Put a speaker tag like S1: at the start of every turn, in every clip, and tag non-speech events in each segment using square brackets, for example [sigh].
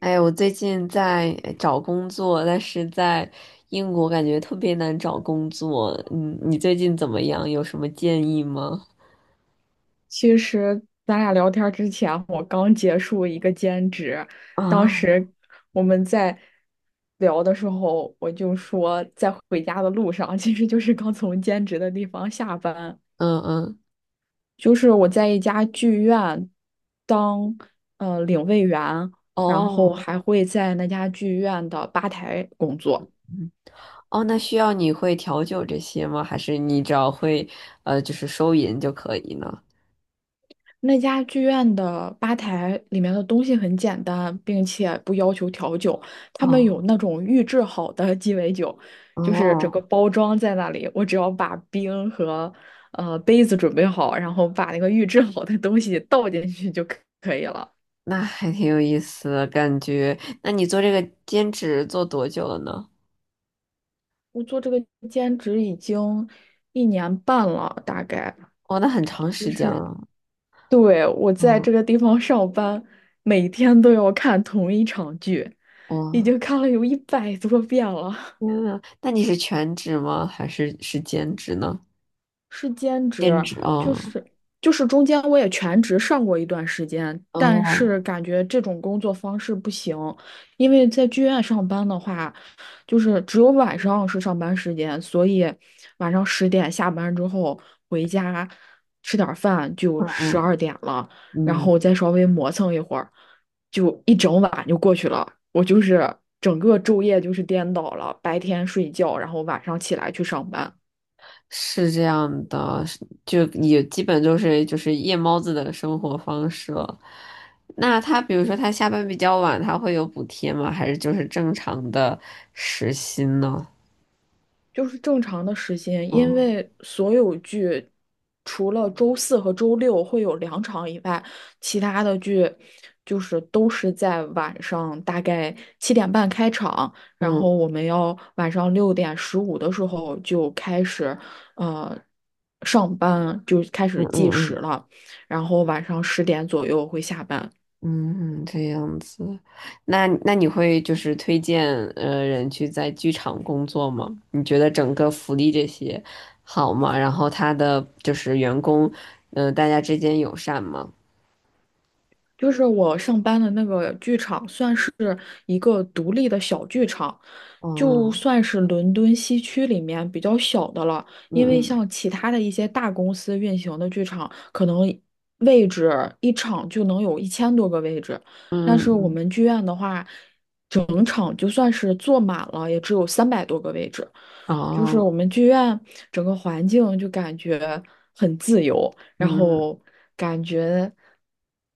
S1: 哎，我最近在找工作，但是在英国感觉特别难找工作。嗯，你最近怎么样？有什么建议吗？
S2: 其实咱俩聊天之前，我刚结束一个兼职，当
S1: 啊，
S2: 时我们在聊的时候，我就说在回家的路上，其实就是刚从兼职的地方下班，
S1: 嗯嗯，
S2: 就是我在一家剧院当领位员，然后
S1: 哦，
S2: 还会在那家剧院的吧台工作。
S1: 嗯哦，那需要你会调酒这些吗？还是你只要会就是收银就可以呢？
S2: 那家剧院的吧台里面的东西很简单，并且不要求调酒。他们
S1: 哦
S2: 有那种预制好的鸡尾酒，就是整个
S1: 哦，
S2: 包装在那里，我只要把冰和杯子准备好，然后把那个预制好的东西倒进去就可以了。
S1: 那还挺有意思的感觉。那你做这个兼职做多久了呢？
S2: 我做这个兼职已经1年半了，大概。
S1: 哦，那很长
S2: 就
S1: 时间
S2: 是
S1: 了。
S2: 对，我在
S1: 嗯，
S2: 这个地方上班，每天都要看同一场剧，已
S1: 哦。
S2: 经看了有100多遍了。
S1: 天呐，那你是全职吗？还是兼职呢？
S2: 是兼
S1: 兼
S2: 职，
S1: 职
S2: 就
S1: 哦，
S2: 是就是中间我也全职上过一段时间，但
S1: 哦，
S2: 是感觉这种工作方式不行，因为在剧院上班的话，就是只有晚上是上班时间，所以晚上十点下班之后回家吃点儿饭就
S1: 嗯
S2: 十
S1: 嗯
S2: 二点了，然
S1: 嗯，
S2: 后再稍微磨蹭一会儿，就一整晚就过去了。我就是整个昼夜就是颠倒了，白天睡觉，然后晚上起来去上班。
S1: 是这样的，是就也基本就是夜猫子的生活方式了。那他比如说他下班比较晚，他会有补贴吗？还是就是正常的时薪呢？
S2: 就是正常的时间，因
S1: 嗯
S2: 为所有剧除了周四和周六会有2场以外，其他的剧就是都是在晚上大概7点半开场，然后
S1: 嗯
S2: 我们要晚上6点15的时候就开始，呃，上班就开
S1: 嗯
S2: 始计
S1: 嗯
S2: 时
S1: 嗯。
S2: 了，然后晚上十点左右会下班。
S1: 嗯，这样子，那你会就是推荐人去在剧场工作吗？你觉得整个福利这些好吗？然后他的就是员工，嗯，大家之间友善吗？
S2: 就是我上班的那个剧场，算是一个独立的小剧场，就
S1: 哦，
S2: 算是伦敦西区里面比较小的了。
S1: 嗯
S2: 因为
S1: 嗯
S2: 像其他的一些大公司运行的剧场，可能位置一场就能有1000多个位置，但
S1: 嗯
S2: 是我
S1: 嗯，
S2: 们剧院的话，整场就算是坐满了，也只有300多个位置。就是我
S1: 哦，
S2: 们剧院整个环境就感觉很自由，然
S1: 嗯
S2: 后感觉。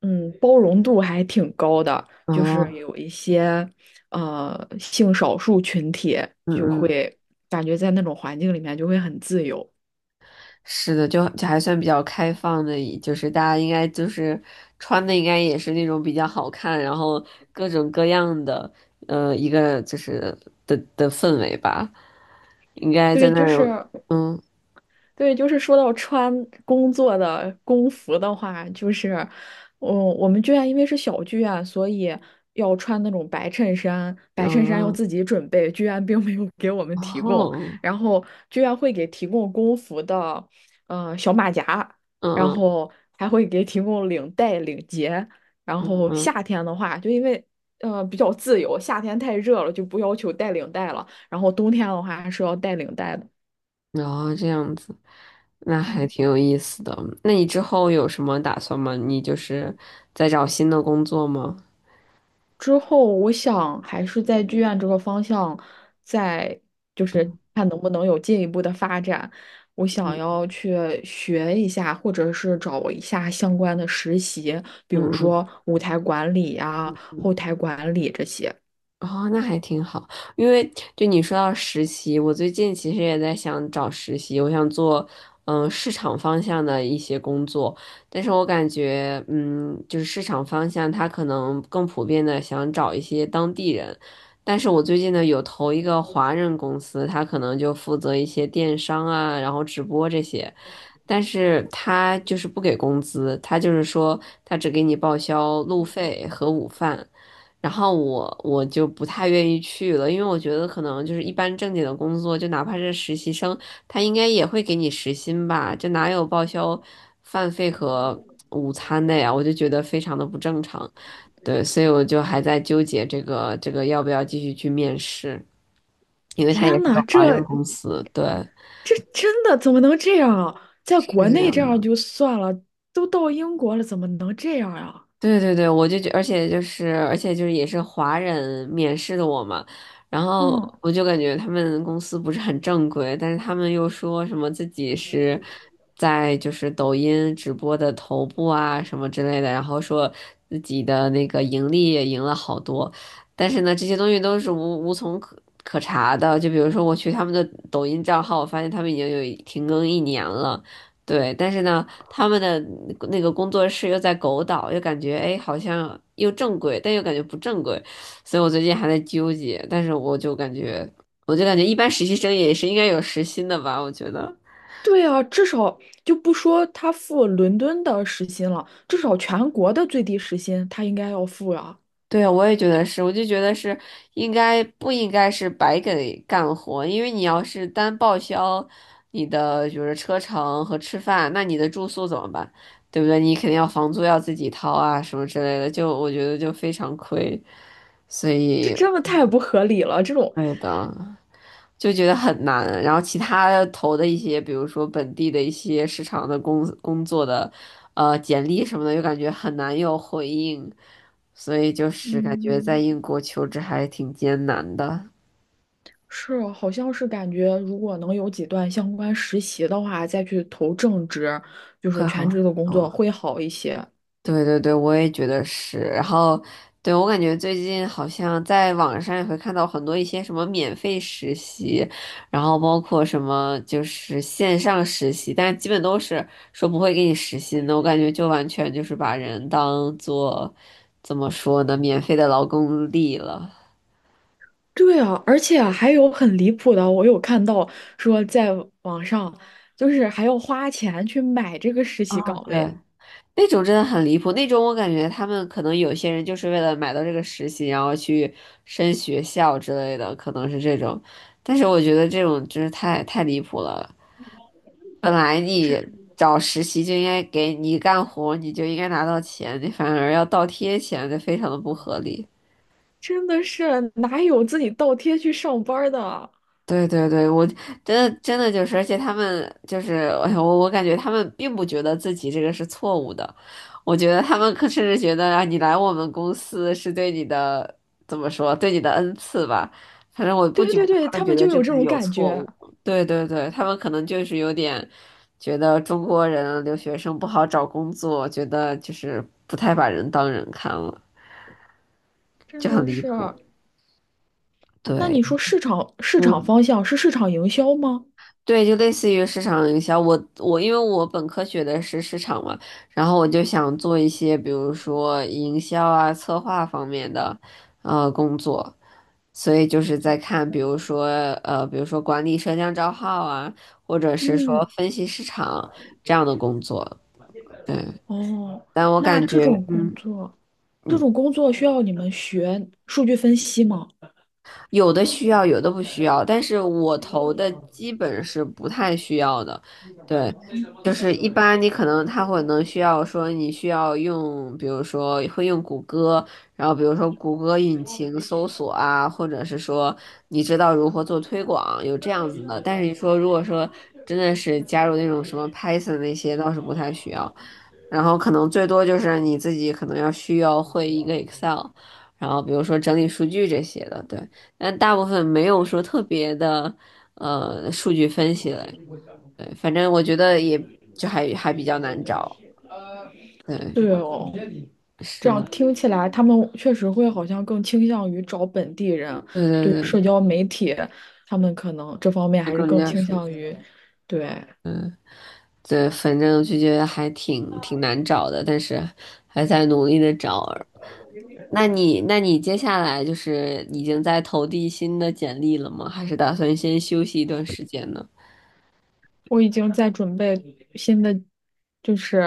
S2: 包容度还挺高的，
S1: 嗯
S2: 就是
S1: 哦，
S2: 有一些性少数群体
S1: 嗯
S2: 就
S1: 嗯。
S2: 会感觉在那种环境里面就会很自由。
S1: 是的，就还算比较开放的，就是大家应该就是穿的应该也是那种比较好看，然后各种各样的，一个就是的氛围吧，应该在
S2: 对，
S1: 那
S2: 就
S1: 儿，
S2: 是
S1: 嗯，
S2: 对，就是说到穿工作的工服的话，就是，嗯，我们剧院因为是小剧院，所以要穿那种白衬衫，白
S1: 然
S2: 衬衫要
S1: 后
S2: 自己准备，剧院并没有给我们提供。
S1: 哦，
S2: 然后剧院会给提供工服的，小马甲，
S1: 嗯
S2: 然
S1: 嗯
S2: 后还会给提供领带、领结。然后
S1: 嗯，
S2: 夏天的话，就因为比较自由，夏天太热了就不要求带领带了，然后冬天的话还是要带领带的。
S1: 然后这样子，那还
S2: 嗯
S1: 挺有意思的。那你之后有什么打算吗？你就是在找新的工作吗？
S2: 之后我想还是在剧院这个方向，再就是看能不能有进一步的发展。我想
S1: 嗯
S2: 要去学一下，或者是找一下相关的实习，比
S1: 嗯
S2: 如
S1: 嗯嗯
S2: 说舞台管理啊、
S1: 嗯。
S2: 后
S1: 嗯
S2: 台管理这些。
S1: 哦，那还挺好，因为就你说到实习，我最近其实也在想找实习，我想做市场方向的一些工作，但是我感觉就是市场方向他可能更普遍的想找一些当地人，但是我最近呢有投一个华人公司，他可能就负责一些电商啊，然后直播这些，但是他就是不给工资，他就是说他只给你报销路费和午饭。然后我就不太愿意去了，因为我觉得可能就是一般正经的工作，就哪怕是实习生，他应该也会给你时薪吧，这哪有报销饭费和午餐的呀？我就觉得非常的不正常，对，所以我就还在纠结这个要不要继续去面试，因为他也
S2: 天
S1: 是
S2: 呐，
S1: 个华人
S2: 这
S1: 公司，对，
S2: 这真的怎么能这样啊？在
S1: 是
S2: 国
S1: 这
S2: 内这
S1: 样。
S2: 样就算了，都到英国了，怎么能这样呀？
S1: 对对对，我就觉，而且就是，而且就是也是华人面试的我嘛，然后
S2: 嗯。
S1: 我就感觉他们公司不是很正规，但是他们又说什么自己是在就是抖音直播的头部啊什么之类的，然后说自己的那个盈利也赢了好多，但是呢，这些东西都是无从可查的，就比如说我去他们的抖音账号，我发现他们已经有停更一年了。对，但是呢，他们的那个工作室又在狗岛，又感觉哎，好像又正规，但又感觉不正规，所以我最近还在纠结。但是我就感觉，我就感觉一般实习生也是应该有实薪的吧，我觉得。
S2: 对啊，至少就不说他付伦敦的时薪了，至少全国的最低时薪他应该要付啊，
S1: 对啊，我也觉得是，我就觉得是应该不应该是白给干活，因为你要是单报销你的就是车程和吃饭，那你的住宿怎么办？对不对？你肯定要房租要自己掏啊，什么之类的，就我觉得就非常亏，所
S2: 这
S1: 以，
S2: 真的太不合理了。这种，
S1: 对的。就觉得很难。然后其他投的一些，比如说本地的一些市场的工作的，简历什么的，又感觉很难有回应，所以就是感觉在
S2: 嗯，
S1: 英国求职还挺艰难的。
S2: 是，好像是感觉如果能有几段相关实习的话，再去投正职，就是
S1: 会
S2: 全
S1: 好，
S2: 职的工作
S1: 好
S2: 会好一些。
S1: 对对对，我也觉得是。然后，对，我感觉最近好像在网上也会看到很多一些什么免费实习，然后包括什么就是线上实习，但是基本都是说不会给你实习的。我感觉就完全就是把人当做怎么说呢，免费的劳动力了。
S2: 对啊，而且还有很离谱的，我有看到说在网上，就是还要花钱去买这个实习岗
S1: 对，
S2: 位。
S1: 那种真的很离谱，那种我感觉他们可能有些人就是为了买到这个实习，然后去升学校之类的，可能是这种。但是我觉得这种就是太离谱了。本来你
S2: 这。
S1: 找实习就应该给你干活，你就应该拿到钱，你反而要倒贴钱，这非常的不合理。
S2: 真的是哪有自己倒贴去上班儿的？
S1: 对对对，我真的真的就是，而且他们就是，哎呀我感觉他们并不觉得自己这个是错误的，我觉得他们可甚至觉得啊，你来我们公司是对你的怎么说，对你的恩赐吧。反正我不
S2: 对
S1: 觉得
S2: 对对，
S1: 他们
S2: 他
S1: 觉
S2: 们
S1: 得
S2: 就
S1: 这
S2: 有这
S1: 个
S2: 种
S1: 有
S2: 感
S1: 错
S2: 觉，
S1: 误。对对对，他们可能就是有点觉得中国人留学生不好找工作，觉得就是不太把人当人看了，
S2: 真
S1: 就很
S2: 的
S1: 离
S2: 是。
S1: 谱。
S2: 那你
S1: 对。
S2: 说市场
S1: 嗯。
S2: 方向是市场营销吗？
S1: 对，就类似于市场营销。我因为我本科学的是市场嘛，然后我就想做一些，比如说营销啊、策划方面的工作，所以就是在看，比如说比如说管理社交账号啊，或者是说
S2: 嗯，
S1: 分析市场这样的工作。对，
S2: 哦，
S1: 但我
S2: 那
S1: 感
S2: 这
S1: 觉，
S2: 种工
S1: 嗯。
S2: 作，这种工作需要你们学数据分析吗？
S1: 有的需要，有的不需要，但是我投的基本是不太需要的，对，就是一般你可能他会能需要说你需要用，比如说会用谷歌，然后比如说谷歌引擎搜索啊，或者是说你知道如何做推广，有这样子的，但是你说如果说真的是加入那种什么 Python 那些倒是不太需要，然后可能最多就是你自己可能要需要会一个 Excel，然后比如说整理数据这些的，对。但大部分没有说特别的数据分析类，对，反正我觉得也就还比较难找，对，
S2: 对哦，这
S1: 是
S2: 样
S1: 的，
S2: 听起来他们确实会好像更倾向于找本地人，
S1: 对
S2: 对
S1: 对
S2: 社
S1: 对，
S2: 交媒体，他们可能这方面
S1: 就
S2: 还是
S1: 更
S2: 更
S1: 加
S2: 倾
S1: 熟悉，
S2: 向于，对。
S1: 嗯，对，反正就觉得还挺难找的，但是还在努力的找。那你那你接下来就是已经在投递新的简历了吗？还是打算先休息一段时间呢？
S2: 我已经在准备新的，就是，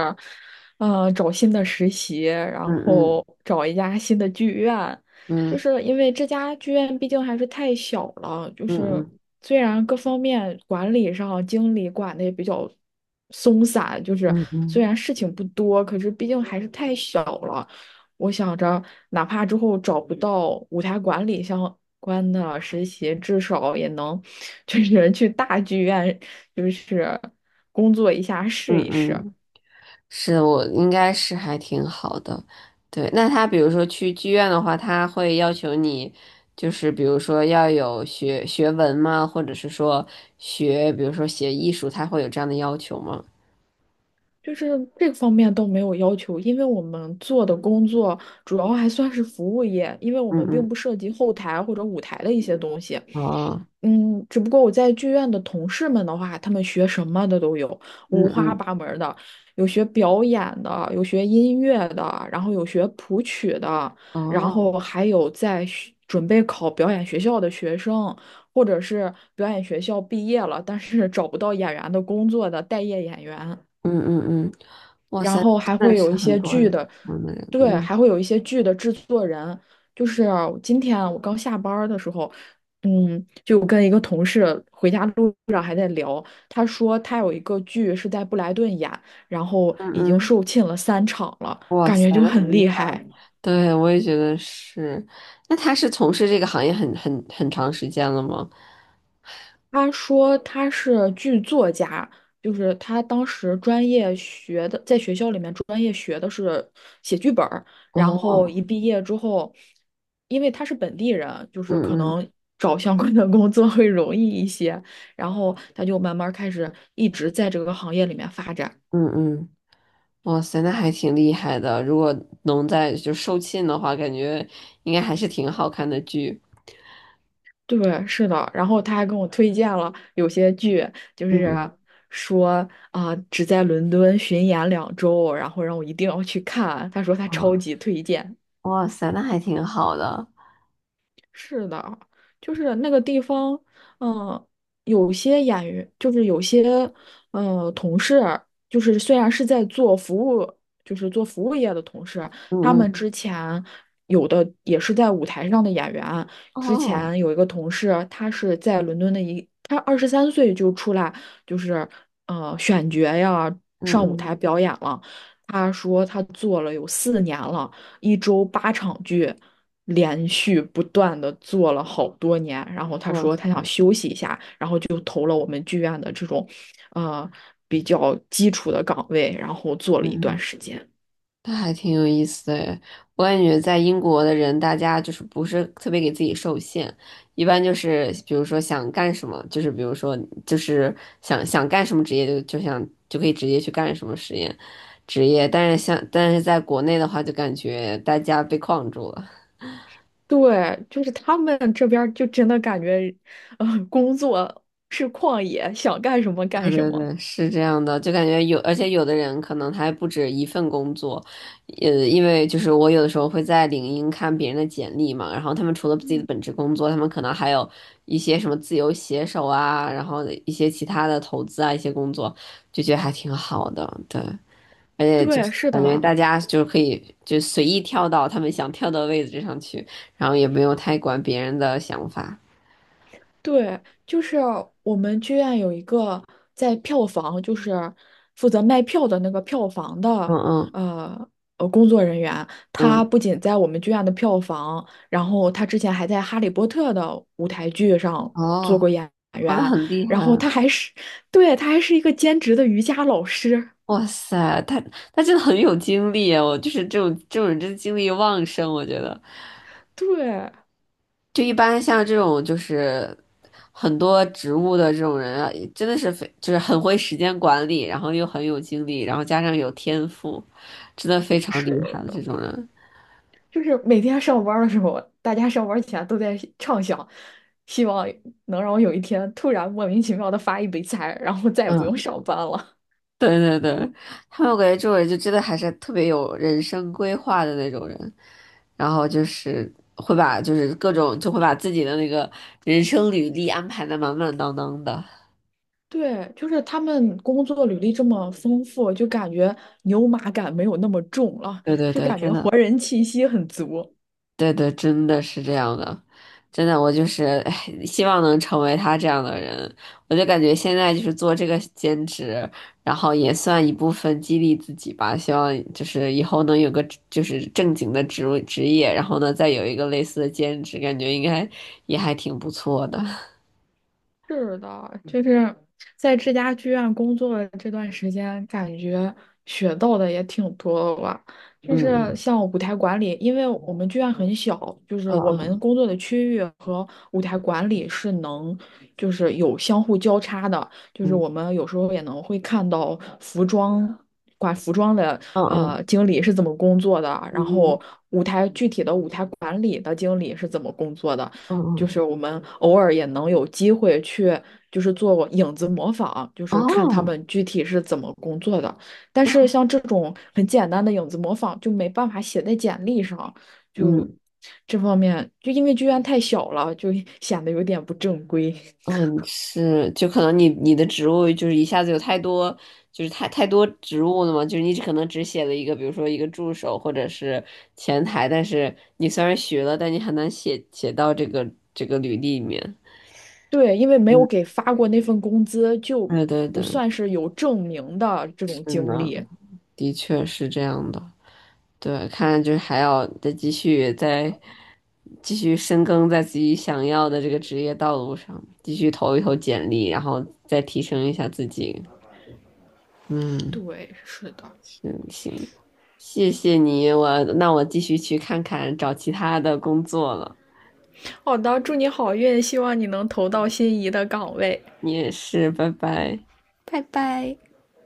S2: 找新的实习，然
S1: 嗯嗯
S2: 后找一家新的剧院，就
S1: 嗯
S2: 是因为这家剧院毕竟还是太小了，就是
S1: 嗯
S2: 虽然各方面管理上经理管的也比较松散，就是
S1: 嗯嗯
S2: 虽然
S1: 嗯
S2: 事情不多，可是毕竟还是太小了。我想着，哪怕之后找不到舞台管理相关的实习，至少也能 [laughs] 就是去大剧院，就是工作一下试
S1: 嗯
S2: 一试。
S1: 嗯。是我应该是还挺好的，对。那他比如说去剧院的话，他会要求你，就是比如说要有学学文吗？或者是说学，比如说写艺术，他会有这样的要求吗？
S2: 就是这方面都没有要求，因为我们做的工作主要还算是服务业，因为我
S1: 嗯
S2: 们并
S1: 嗯，
S2: 不涉及后台或者舞台的一些东西。
S1: 哦，
S2: 嗯，只不过我在剧院的同事们的话，他们学什么的都有，
S1: 嗯
S2: 五花
S1: 嗯，
S2: 八门儿的，有学表演的，有学音乐的，然后有学谱曲的，然后
S1: 哦，
S2: 还有在学准备考表演学校的学生，或者是表演学校毕业了，但是找不到演员的工作的待业演员。
S1: 嗯嗯嗯，哇
S2: 然
S1: 塞，
S2: 后还
S1: 真的
S2: 会有
S1: 是
S2: 一
S1: 很
S2: 些
S1: 多
S2: 剧
S1: 人，
S2: 的，
S1: 我们人，
S2: 对，
S1: 嗯
S2: 还会有一些剧的制作人。就是今天啊我刚下班儿的时候，就跟一个同事回家路上还在聊，他说他有一个剧是在布莱顿演，然后
S1: 嗯
S2: 已经
S1: 嗯，
S2: 售罄了3场了，
S1: 哇
S2: 感
S1: 塞，
S2: 觉就
S1: 那很
S2: 很
S1: 厉
S2: 厉
S1: 害。
S2: 害。
S1: 对，我也觉得是。那他是从事这个行业很长时间了吗？
S2: 他说他是剧作家，就是他当时专业学的，在学校里面专业学的是写剧本儿，然后
S1: 哦。
S2: 一毕业之后，因为他是本地人，就是可
S1: 嗯嗯
S2: 能找相关的工作会容易一些，然后他就慢慢开始一直在这个行业里面发展。
S1: 嗯嗯，哇塞，那还挺厉害的。如果能在就售罄的话，感觉应该还是挺好看的剧。
S2: 对，是的，然后他还跟我推荐了有些剧，就
S1: 嗯
S2: 是
S1: 嗯
S2: 说啊、只在伦敦巡演2周，然后让我一定要去看。他说他超
S1: 啊，
S2: 级推荐。
S1: 哇塞，那还挺好的。
S2: 是的，就是那个地方，嗯、有些演员，就是有些，同事，就是虽然是在做服务，就是做服务业的同事，
S1: 嗯
S2: 他
S1: 嗯
S2: 们之前有的也是在舞台上的演员。之
S1: 哦，
S2: 前有一个同事，他是在伦敦的一，他23岁就出来，就是选角呀，
S1: 嗯
S2: 上舞
S1: 嗯，
S2: 台表演了。他说他做了有4年了，1周8场剧。连续不断的做了好多年，然后他
S1: 哇
S2: 说他想
S1: 塞，
S2: 休息一下，然后就投了我们剧院的这种，呃，比较基础的岗位，然后做了一
S1: 嗯
S2: 段
S1: 嗯。
S2: 时间。
S1: 那还挺有意思的诶我感觉在英国的人，大家就是不是特别给自己受限，一般就是比如说想干什么，就是比如说就是想干什么职业就想就可以直接去干什么实验职业，但是在国内的话，就感觉大家被框住了。
S2: 对，就是他们这边儿就真的感觉，工作是旷野，想干什么干什么。
S1: 嗯，是这样的，就感觉有，而且有的人可能他还不止一份工作，因为就是我有的时候会在领英看别人的简历嘛，然后他们除了自己的本职工作，他们可能还有一些什么自由写手啊，然后一些其他的投资啊，一些工作，就觉得还挺好的，对，而且就
S2: 对，
S1: 是
S2: 是
S1: 感觉
S2: 的，
S1: 大家就是可以就随意跳到他们想跳的位置上去，然后也没有太管别人的想法，
S2: 对，就是我们剧院有一个在票房，就是负责卖票的那个票房的，
S1: 嗯嗯
S2: 呃工作人员，他
S1: 嗯，
S2: 不仅在我们剧院的票房，然后他之前还在《哈利波特》的舞台剧上做过
S1: 哦，
S2: 演
S1: 哦，那
S2: 员，
S1: 很厉
S2: 然
S1: 害
S2: 后他
S1: 啊。
S2: 还是，对，他还是一个兼职的瑜伽老师，
S1: 哇塞，他真的很有精力啊，我就是这种人真的精力旺盛，我觉得
S2: [laughs] 对。
S1: 就一般像这种就是很多植物的这种人啊，真的是非就是很会时间管理，然后又很有精力，然后加上有天赋，真的非
S2: 嗯
S1: 常
S2: 是
S1: 厉害的
S2: 的，
S1: 这种人。
S2: 就是每天上班儿的时候，大家上班儿前都在畅想，希望能让我有一天突然莫名其妙的发一笔财，然后再也不用
S1: 嗯，
S2: 上班了。
S1: 对对对，他们我感觉这种人就真的还是特别有人生规划的那种人，然后就是会把就是各种就会把自己的那个人生履历安排的满满当当的。
S2: [laughs] 对，就是他们工作履历这么丰富，就感觉牛马感没有那么重了，
S1: 对对
S2: 就
S1: 对，
S2: 感
S1: 真
S2: 觉活
S1: 的，
S2: 人气息很足。
S1: 对对，真的是这样的，真的，我就是，[laughs] 哎，希望能成为他这样的人。我就感觉现在就是做这个兼职，然后也算一部分激励自己吧。希望就是以后能有个就是正经的职位职业，然后呢再有一个类似的兼职，感觉应该也还挺不错的。[laughs]
S2: 是的，就是在这家剧院工作的这段时间，感觉学到的也挺多的吧。就是
S1: 嗯
S2: 像舞台管理，因为我们剧院很小，就是
S1: 嗯
S2: 我们
S1: 嗯
S2: 工作的区域和舞台管理是能，就是有相互交叉的。就是
S1: 嗯
S2: 我们有时候也能会看到服装。管服装的
S1: 嗯嗯
S2: 经理是怎么工作的，然
S1: 嗯
S2: 后舞台具体的舞台管理的经理是怎么工作的，
S1: 嗯嗯
S2: 就
S1: 嗯，
S2: 是我们偶尔也能有机会去，就是做影子模仿，就是看他
S1: 哦，
S2: 们具体是怎么工作的。但是像这种很简单的影子模仿，就没办法写在简历上，就
S1: 嗯。
S2: 这方面，就因为剧院太小了，就 [laughs] 显得有点不正规。
S1: 嗯，是，就可能你的职务就是一下子有太多，就是太多职务了嘛，就是你可能只写了一个，比如说一个助手或者是前台，但是你虽然学了，但你很难写到这个履历里面。
S2: [laughs] 对，因为没有给发过那份工资，就
S1: 对对
S2: 不
S1: 对，
S2: 算是有证明的这种
S1: 是
S2: 经
S1: 呢，
S2: 历。
S1: 的确是这样的。对，看来就是还要再继续再继续深耕在自己想要的这个职业道路上，继续投一投简历，然后再提升一下自己。嗯。
S2: 对，是的。
S1: 嗯，行，谢谢你，我那我继续去看看找其他的工作了。
S2: 好的，祝你好运，希望你能投到心仪的岗位。
S1: 你也是，拜拜。
S2: 拜拜。